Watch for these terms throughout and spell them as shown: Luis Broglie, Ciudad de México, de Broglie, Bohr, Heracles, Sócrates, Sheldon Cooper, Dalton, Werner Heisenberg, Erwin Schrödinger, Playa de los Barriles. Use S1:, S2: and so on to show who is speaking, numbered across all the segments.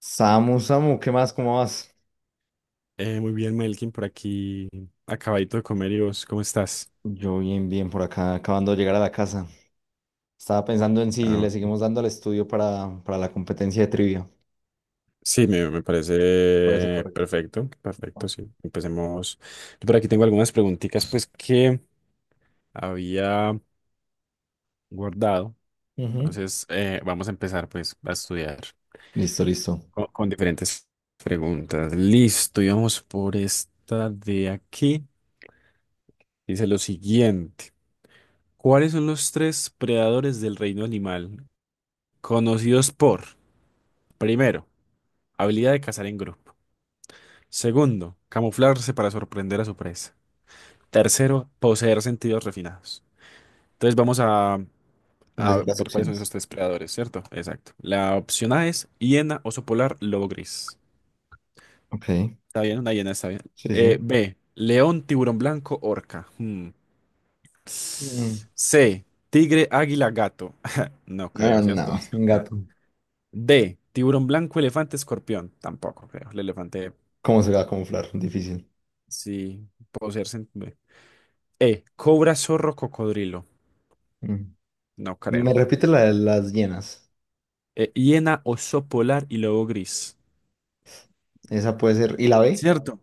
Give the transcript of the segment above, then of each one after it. S1: Samu, Samu, ¿qué más? ¿Cómo vas?
S2: Muy bien, Melkin, por aquí acabadito de comer. Y vos, ¿cómo estás?
S1: Yo bien, bien, por acá, acabando de llegar a la casa. Estaba pensando en si
S2: Ah,
S1: le
S2: ok.
S1: seguimos dando al estudio para la competencia de trivia.
S2: Sí, me
S1: Parece
S2: parece
S1: correcto.
S2: perfecto,
S1: Ah.
S2: perfecto, sí. Empecemos. Yo por aquí tengo algunas preguntitas, pues, que había guardado.
S1: Ujú.
S2: Entonces, vamos a empezar, pues, a estudiar
S1: Listo, listo.
S2: con diferentes preguntas. Listo, y vamos por esta de aquí. Dice lo siguiente. ¿Cuáles son los tres predadores del reino animal conocidos por, primero, habilidad de cazar en grupo; segundo, camuflarse para sorprender a su presa; tercero, poseer sentidos refinados? Entonces vamos a,
S1: Decir
S2: a
S1: las
S2: ver cuáles son
S1: opciones.
S2: esos tres predadores, ¿cierto? Exacto. La opción A es hiena, oso polar, lobo gris.
S1: Ok,
S2: Está bien, una hiena está bien.
S1: sí, sí.
S2: B, león, tiburón blanco, orca. Hmm.
S1: Mm.
S2: C, tigre, águila, gato. No
S1: Ah,
S2: creo, ¿cierto?
S1: no, un
S2: Descartada.
S1: gato.
S2: D, tiburón blanco, elefante, escorpión. Tampoco creo. El elefante,
S1: ¿Cómo se va a camuflar? Difícil.
S2: sí, poseer sentidos. E. Cobra, zorro, cocodrilo.
S1: Mm.
S2: No
S1: Me
S2: creo.
S1: repite la de las llenas.
S2: E. Hiena, oso polar y lobo gris.
S1: Esa puede ser. ¿Y la B?
S2: ¿Cierto?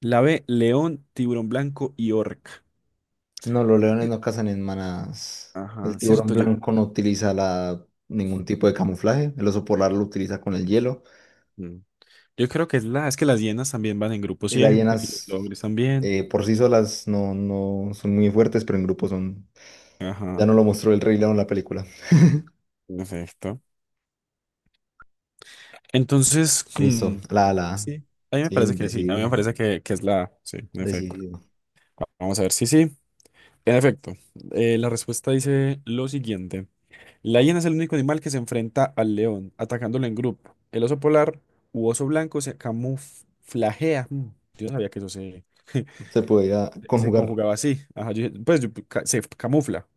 S2: La B. León, tiburón blanco y orca.
S1: No, los leones
S2: Eh,
S1: no cazan en manadas. El
S2: Ajá,
S1: tiburón
S2: cierto, yo.
S1: blanco no utiliza ningún tipo de camuflaje. El oso polar lo utiliza con el hielo.
S2: mm. Yo creo que es la. Es que las hienas también van en grupo
S1: Y las
S2: siempre. Los
S1: hienas
S2: lobos gris también.
S1: por sí solas no son muy fuertes, pero en grupo son. Ya
S2: Ajá,
S1: no lo mostró el Rey León en la película.
S2: perfecto. Entonces,
S1: Listo, la, la.
S2: sí. A mí me
S1: Sí,
S2: parece que sí. A mí me
S1: decidido,
S2: parece que es la. A. Sí, en efecto.
S1: decidido.
S2: Vamos a ver. Sí, sí. En efecto. La respuesta dice lo siguiente. La hiena es el único animal que se enfrenta al león, atacándolo en grupo. El oso polar u oso blanco se camuflajea. Yo no sabía que eso se,
S1: Se podía
S2: se
S1: conjugar.
S2: conjugaba así. Ajá, pues se camufla.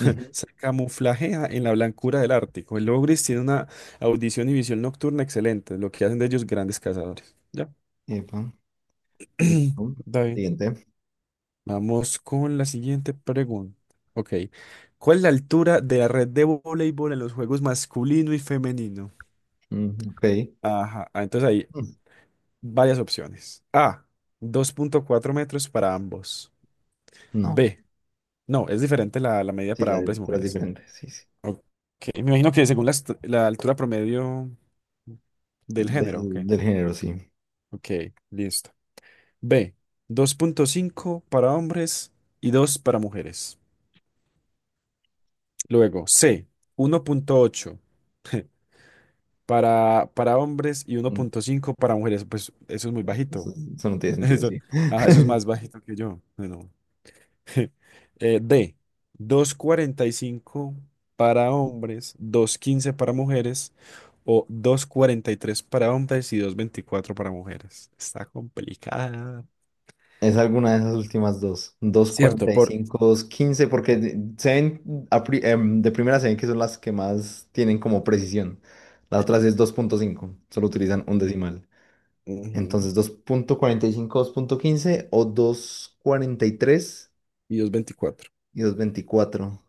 S1: Ujú.
S2: Se camuflajea en la blancura del Ártico. El lobo gris tiene una audición y visión nocturna excelente, lo que hacen de ellos grandes cazadores. Ya,
S1: Epa, y tú,
S2: está bien.
S1: siguiente.
S2: Vamos con la siguiente pregunta. Ok. ¿Cuál es la altura de la red de voleibol en los juegos masculino y femenino?
S1: Mm, ok.
S2: Ajá, entonces ahí,
S1: Mm,
S2: varias opciones. A, 2.4 metros para ambos.
S1: no,
S2: B, no, es diferente la medida
S1: sí,
S2: para
S1: la de
S2: hombres y
S1: es
S2: mujeres.
S1: diferente. Sí, sí.
S2: Ok, me imagino que según la altura promedio del género. Ok,
S1: Del género, sí.
S2: ok, listo. B, 2.5 para hombres y 2 para mujeres. Luego, C, 1.8 para hombres y uno
S1: Mm.
S2: punto cinco para mujeres. Pues eso es muy bajito.
S1: Eso, sí, eso no tiene sentido,
S2: Eso,
S1: sí.
S2: ajá, eso es más bajito que yo. Bueno. D, 2.45 para hombres, 2.15 para mujeres o 2.43 para hombres y 2.24 para mujeres. Está complicada.
S1: Es alguna de esas últimas dos.
S2: Cierto, por...
S1: 2.15, porque se ven, de primera se ven que son las que más tienen como precisión. Las otras es 2.5 solo utilizan un
S2: eh,
S1: decimal.
S2: ujú.
S1: Entonces dos punto cuarenta y cinco 2.15 o dos cuarenta y
S2: Y 2.24.
S1: 2.24.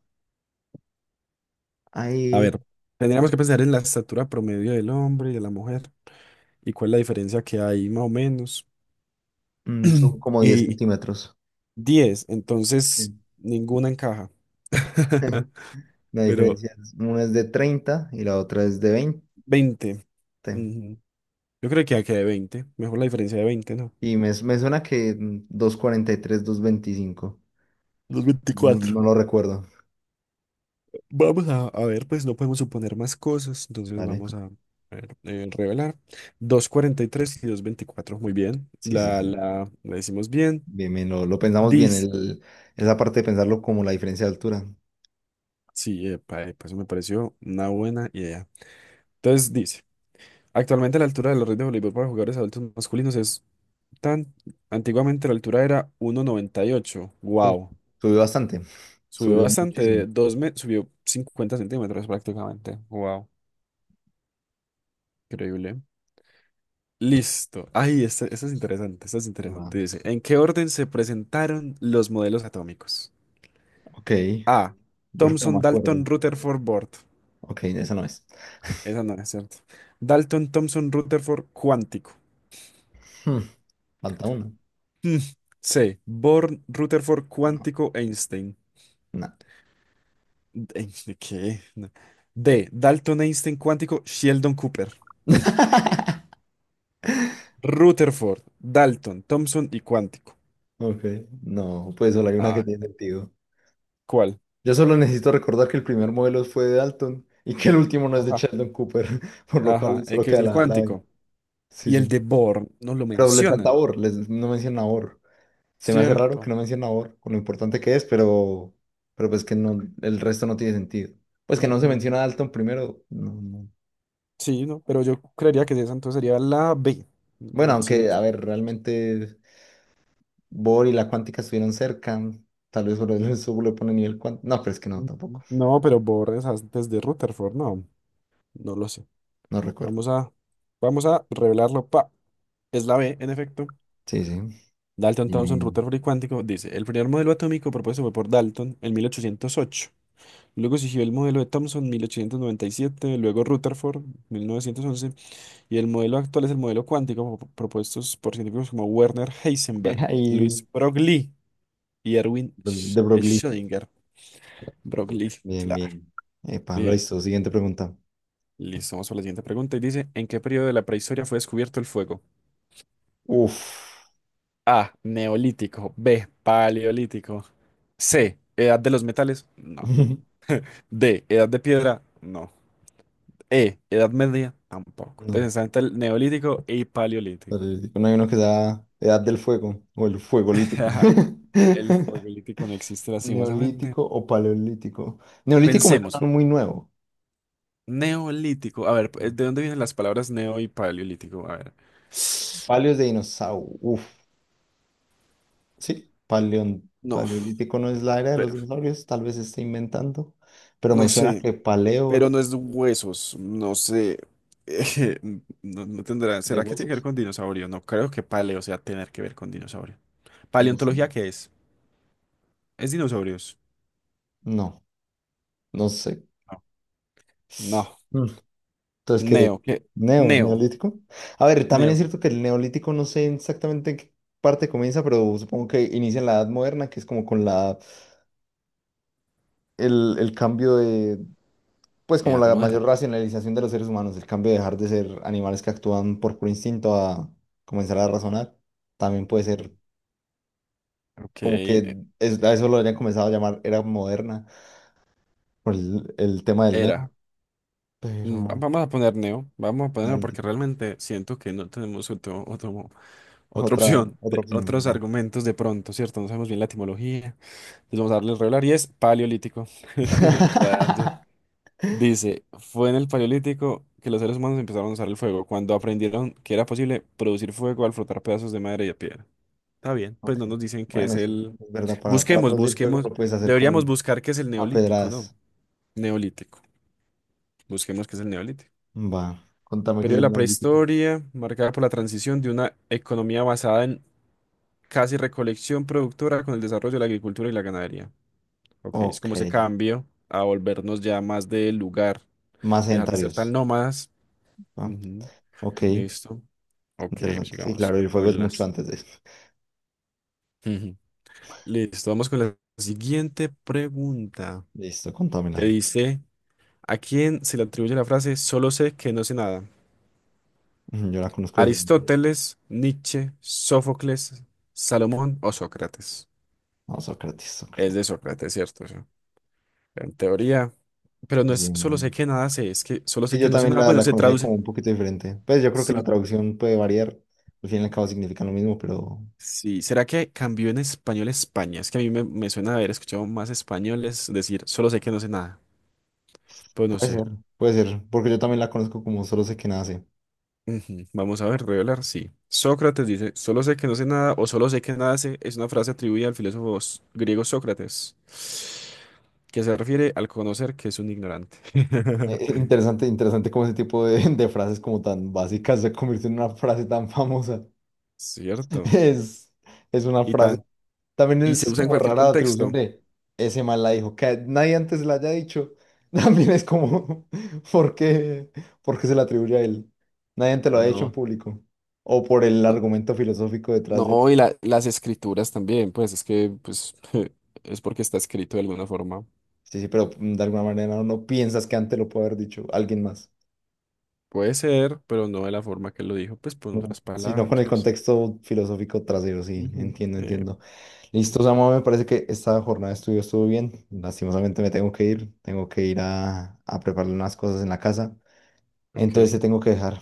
S2: A
S1: Ahí
S2: ver, tendríamos que pensar en la estatura promedio del hombre y de la mujer y cuál es la diferencia que hay más o menos.
S1: son como 10
S2: Y
S1: centímetros.
S2: diez,
S1: Sí.
S2: entonces ninguna encaja.
S1: La
S2: Pero
S1: diferencia es, una es de 30 y la otra es de 20.
S2: 20. Yo creo que aquí de veinte. Mejor la diferencia de veinte, ¿no?
S1: Y me suena que 2.43 2.25.
S2: Los
S1: No,
S2: 24.
S1: no lo recuerdo.
S2: Vamos a ver, pues no podemos suponer más cosas. Entonces
S1: Vale.
S2: vamos a ver, revelar. 2.43 y tres y 224. Muy bien.
S1: Sí, sí,
S2: La,
S1: sí.
S2: la, la decimos bien.
S1: Bien, bien, lo pensamos bien.
S2: Dice.
S1: Esa parte de pensarlo como la diferencia de altura.
S2: Sí, epa, epa, eso me pareció una buena idea. Entonces dice. Actualmente la altura de la red de voleibol para jugadores adultos masculinos es tan... Antiguamente la altura era 1.98.
S1: Uf,
S2: Wow.
S1: subió bastante.
S2: Subió
S1: Subió
S2: bastante.
S1: muchísimo.
S2: De dos me... Subió 50 centímetros prácticamente. Wow. Increíble. Listo. Ay, esta es interesante, esta es
S1: Va,
S2: interesante. Dice, ¿en qué orden se presentaron los modelos atómicos?
S1: ok.
S2: A.
S1: Yo creo que no me
S2: Thomson,
S1: acuerdo.
S2: Dalton, Rutherford, Bohr.
S1: Ok, esa no es.
S2: Esa no es, cierto. Dalton, Thomson, Rutherford, cuántico.
S1: Hmm, Falta una.
S2: Mm. C. Bohr, Rutherford,
S1: No,
S2: cuántico, Einstein.
S1: no.
S2: Einstein, ¿qué? No. D. Dalton, Einstein, cuántico, Sheldon Cooper. Rutherford, Dalton, Thomson y cuántico.
S1: Ok. No, pues solo hay una que
S2: Ah,
S1: tiene sentido.
S2: ¿cuál?
S1: Yo solo necesito recordar que el primer modelo fue de Dalton y que el último no es de
S2: Ajá.
S1: Sheldon Cooper, por lo
S2: Ajá,
S1: cual solo
S2: ¿qué es
S1: queda
S2: el
S1: la B.
S2: cuántico?
S1: Sí,
S2: Y el
S1: sí.
S2: de Born no lo
S1: Pero les falta
S2: mencionan.
S1: or, les no menciona or. Se me hace raro que
S2: Cierto.
S1: no menciona or, con lo importante que es, pero pues que no, el resto no tiene sentido. Pues que no se
S2: Ujú.
S1: menciona a Dalton primero, no, no.
S2: Sí, no, pero yo creería que esa entonces sería la B.
S1: Bueno,
S2: Entonces, no
S1: aunque, a
S2: sé.
S1: ver, realmente Bohr y la cuántica estuvieron cerca. Tal vez por eso le pone nivel cuántico. No, pero es que no,
S2: Ujú.
S1: tampoco.
S2: No, pero Born es antes de Rutherford, no, no lo sé.
S1: No recuerdo.
S2: Vamos a, vamos a revelarlo. Pa, es la B, en efecto.
S1: Sí, sí.
S2: Dalton, Thomson,
S1: Bien.
S2: Rutherford y cuántico, dice, el primer modelo atómico propuesto fue por Dalton en 1808. Luego siguió el modelo de Thomson en 1897. Luego Rutherford 1911. Y el modelo actual es el modelo cuántico propuestos por científicos como Werner
S1: Bien.
S2: Heisenberg, Luis
S1: Ahí,
S2: Broglie y Erwin
S1: De Broglie.
S2: Schrödinger. Broglie,
S1: Bien,
S2: claro.
S1: bien. Epa, lo
S2: Bien,
S1: hizo. Siguiente pregunta.
S2: listo. Vamos a la siguiente pregunta. Y dice, ¿en qué periodo de la prehistoria fue descubierto el fuego?
S1: Uf.
S2: A, neolítico. B, paleolítico. C, edad de los metales. No. D, edad de piedra. No. E, edad media. Tampoco.
S1: No.
S2: Entonces está entre el neolítico y paleolítico.
S1: Paleolítico. No hay uno que sea Edad del Fuego o el Fuegolítico.
S2: El fuegolítico no existe lastimosamente.
S1: Neolítico o paleolítico. Neolítico me
S2: Pensemos.
S1: suena muy nuevo.
S2: Neolítico. A ver, ¿de dónde vienen las palabras neo y paleolítico? A ver.
S1: Paleos de dinosaurio. Uf. Sí,
S2: No,
S1: paleolítico no es la era de los
S2: pero
S1: dinosaurios. Tal vez se esté inventando. Pero
S2: no
S1: me suena
S2: sé,
S1: que
S2: pero
S1: paleo
S2: no es de huesos, no sé. eh, no, no tendrá.
S1: de
S2: ¿Será que tiene que ver
S1: huesos.
S2: con dinosaurio? No creo que paleo sea tener que ver con dinosaurio.
S1: No sé.
S2: ¿Paleontología qué es? ¿Es dinosaurios?
S1: No, no sé.
S2: No. No.
S1: Entonces, ¿qué?
S2: Neo, ¿qué? Neo.
S1: Neolítico. A ver, también es
S2: Neo.
S1: cierto que el neolítico no sé exactamente en qué parte comienza, pero supongo que inicia en la Edad Moderna, que es como con el cambio de, pues como
S2: Edad
S1: la
S2: moderna.
S1: mayor racionalización de los seres humanos, el cambio de dejar de ser animales que actúan por puro instinto a comenzar a razonar. También puede ser
S2: Ok,
S1: como a eso lo habrían comenzado a llamar era moderna por el tema del
S2: era.
S1: neo, pero
S2: Vamos a poner neo. Vamos a poner neo porque
S1: neolítico.
S2: realmente siento que no tenemos otro, otro Otra
S1: Otra,
S2: opción,
S1: otra opción,
S2: otros
S1: va.
S2: argumentos de pronto, ¿cierto? No sabemos bien la etimología. Entonces vamos a darle regular y es paleolítico. Rayos. Dice, fue en el paleolítico que los seres humanos empezaron a usar el fuego, cuando aprendieron que era posible producir fuego al frotar pedazos de madera y de piedra. Está bien, pues
S1: Ok.
S2: no nos dicen que es
S1: Bueno, sí,
S2: el...
S1: es verdad, para
S2: Busquemos,
S1: producir fuego
S2: busquemos.
S1: lo puedes hacer
S2: Deberíamos
S1: como
S2: buscar qué es el
S1: a
S2: neolítico, ¿no?
S1: pedradas.
S2: Neolítico. Busquemos qué es el neolítico.
S1: Va, contame qué es
S2: Periodo de
S1: el
S2: la
S1: neolítico.
S2: prehistoria, marcada por la transición de una economía basada en casi recolección productora con el desarrollo de la agricultura y la ganadería. Ok, es
S1: Ok,
S2: como ese cambio a volvernos ya más del lugar,
S1: más
S2: dejar de ser tan
S1: sedentarios.
S2: nómadas.
S1: ¿Va?
S2: Ujú.
S1: Ok,
S2: Listo. Ok,
S1: interesante. Sí,
S2: sigamos
S1: claro, el fuego es
S2: con
S1: mucho
S2: las.
S1: antes de esto.
S2: Ujú. Listo, vamos con la siguiente pregunta
S1: Listo, contámela.
S2: que dice, ¿a quién se le atribuye la frase solo sé que no sé nada?
S1: Ujú, yo la conozco diferente.
S2: ¿Aristóteles, Nietzsche, Sófocles, Salomón o Sócrates?
S1: No, Sócrates,
S2: Es de
S1: Sócrates.
S2: Sócrates, ¿cierto? En teoría. Pero no
S1: Sí,
S2: es solo sé
S1: man.
S2: que nada sé, es que solo
S1: Y
S2: sé
S1: yo
S2: que no sé
S1: también
S2: nada.
S1: la,
S2: Bueno,
S1: la
S2: se
S1: conocía
S2: traduce.
S1: como un poquito diferente. Pues yo creo que la
S2: Sí,
S1: traducción puede variar. Al fin y al cabo significan lo mismo, pero
S2: sí. ¿Será que cambió en español a España? Es que a mí me suena haber escuchado más españoles decir solo sé que no sé nada. Pues no
S1: puede
S2: sé.
S1: ser, puede ser. Porque yo también la conozco como solo sé que nace.
S2: Ujú. Vamos a ver, revelar, sí. Sócrates dice, solo sé que no sé nada o solo sé que nada sé, es una frase atribuida al filósofo griego Sócrates, que se refiere al conocer que es un ignorante.
S1: Interesante, interesante cómo ese tipo de, de frases como tan básicas se convirtió en una frase tan famosa.
S2: Cierto.
S1: Es, es una
S2: Y
S1: frase.
S2: tan,
S1: También
S2: y se
S1: es
S2: usa en
S1: como rara
S2: cualquier
S1: la atribución
S2: contexto.
S1: de ese mal la dijo, que nadie antes la haya dicho. También es como, ¿por qué, por qué se la atribuye a él? Nadie antes lo ha dicho en
S2: No.
S1: público. O por el argumento filosófico detrás de él.
S2: No, y las escrituras también, pues es que pues, es porque está escrito de alguna forma.
S1: Sí, sí, pero de alguna manera no piensas que antes lo puede haber dicho alguien más.
S2: Puede ser, pero no de la forma que lo dijo, pues por
S1: No,
S2: otras
S1: sino con
S2: palabras,
S1: el
S2: no sé.
S1: contexto filosófico trasero, sí,
S2: Ujú.
S1: entiendo, entiendo. Listo,
S2: Eh,
S1: Samuel, me parece que esta jornada de estudio estuvo bien. Lastimosamente me tengo que ir a preparar unas cosas en la casa.
S2: ok,
S1: Entonces te tengo que dejar.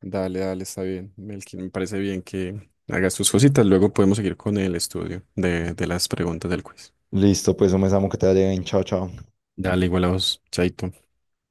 S2: dale, dale, está bien. Melkin, me parece bien que hagas tus cositas. Luego podemos seguir con el estudio de las preguntas del quiz.
S1: Listo, pues un besamo que te vaya bien. Chao, chao.
S2: Dale, igual a vos, Chaito.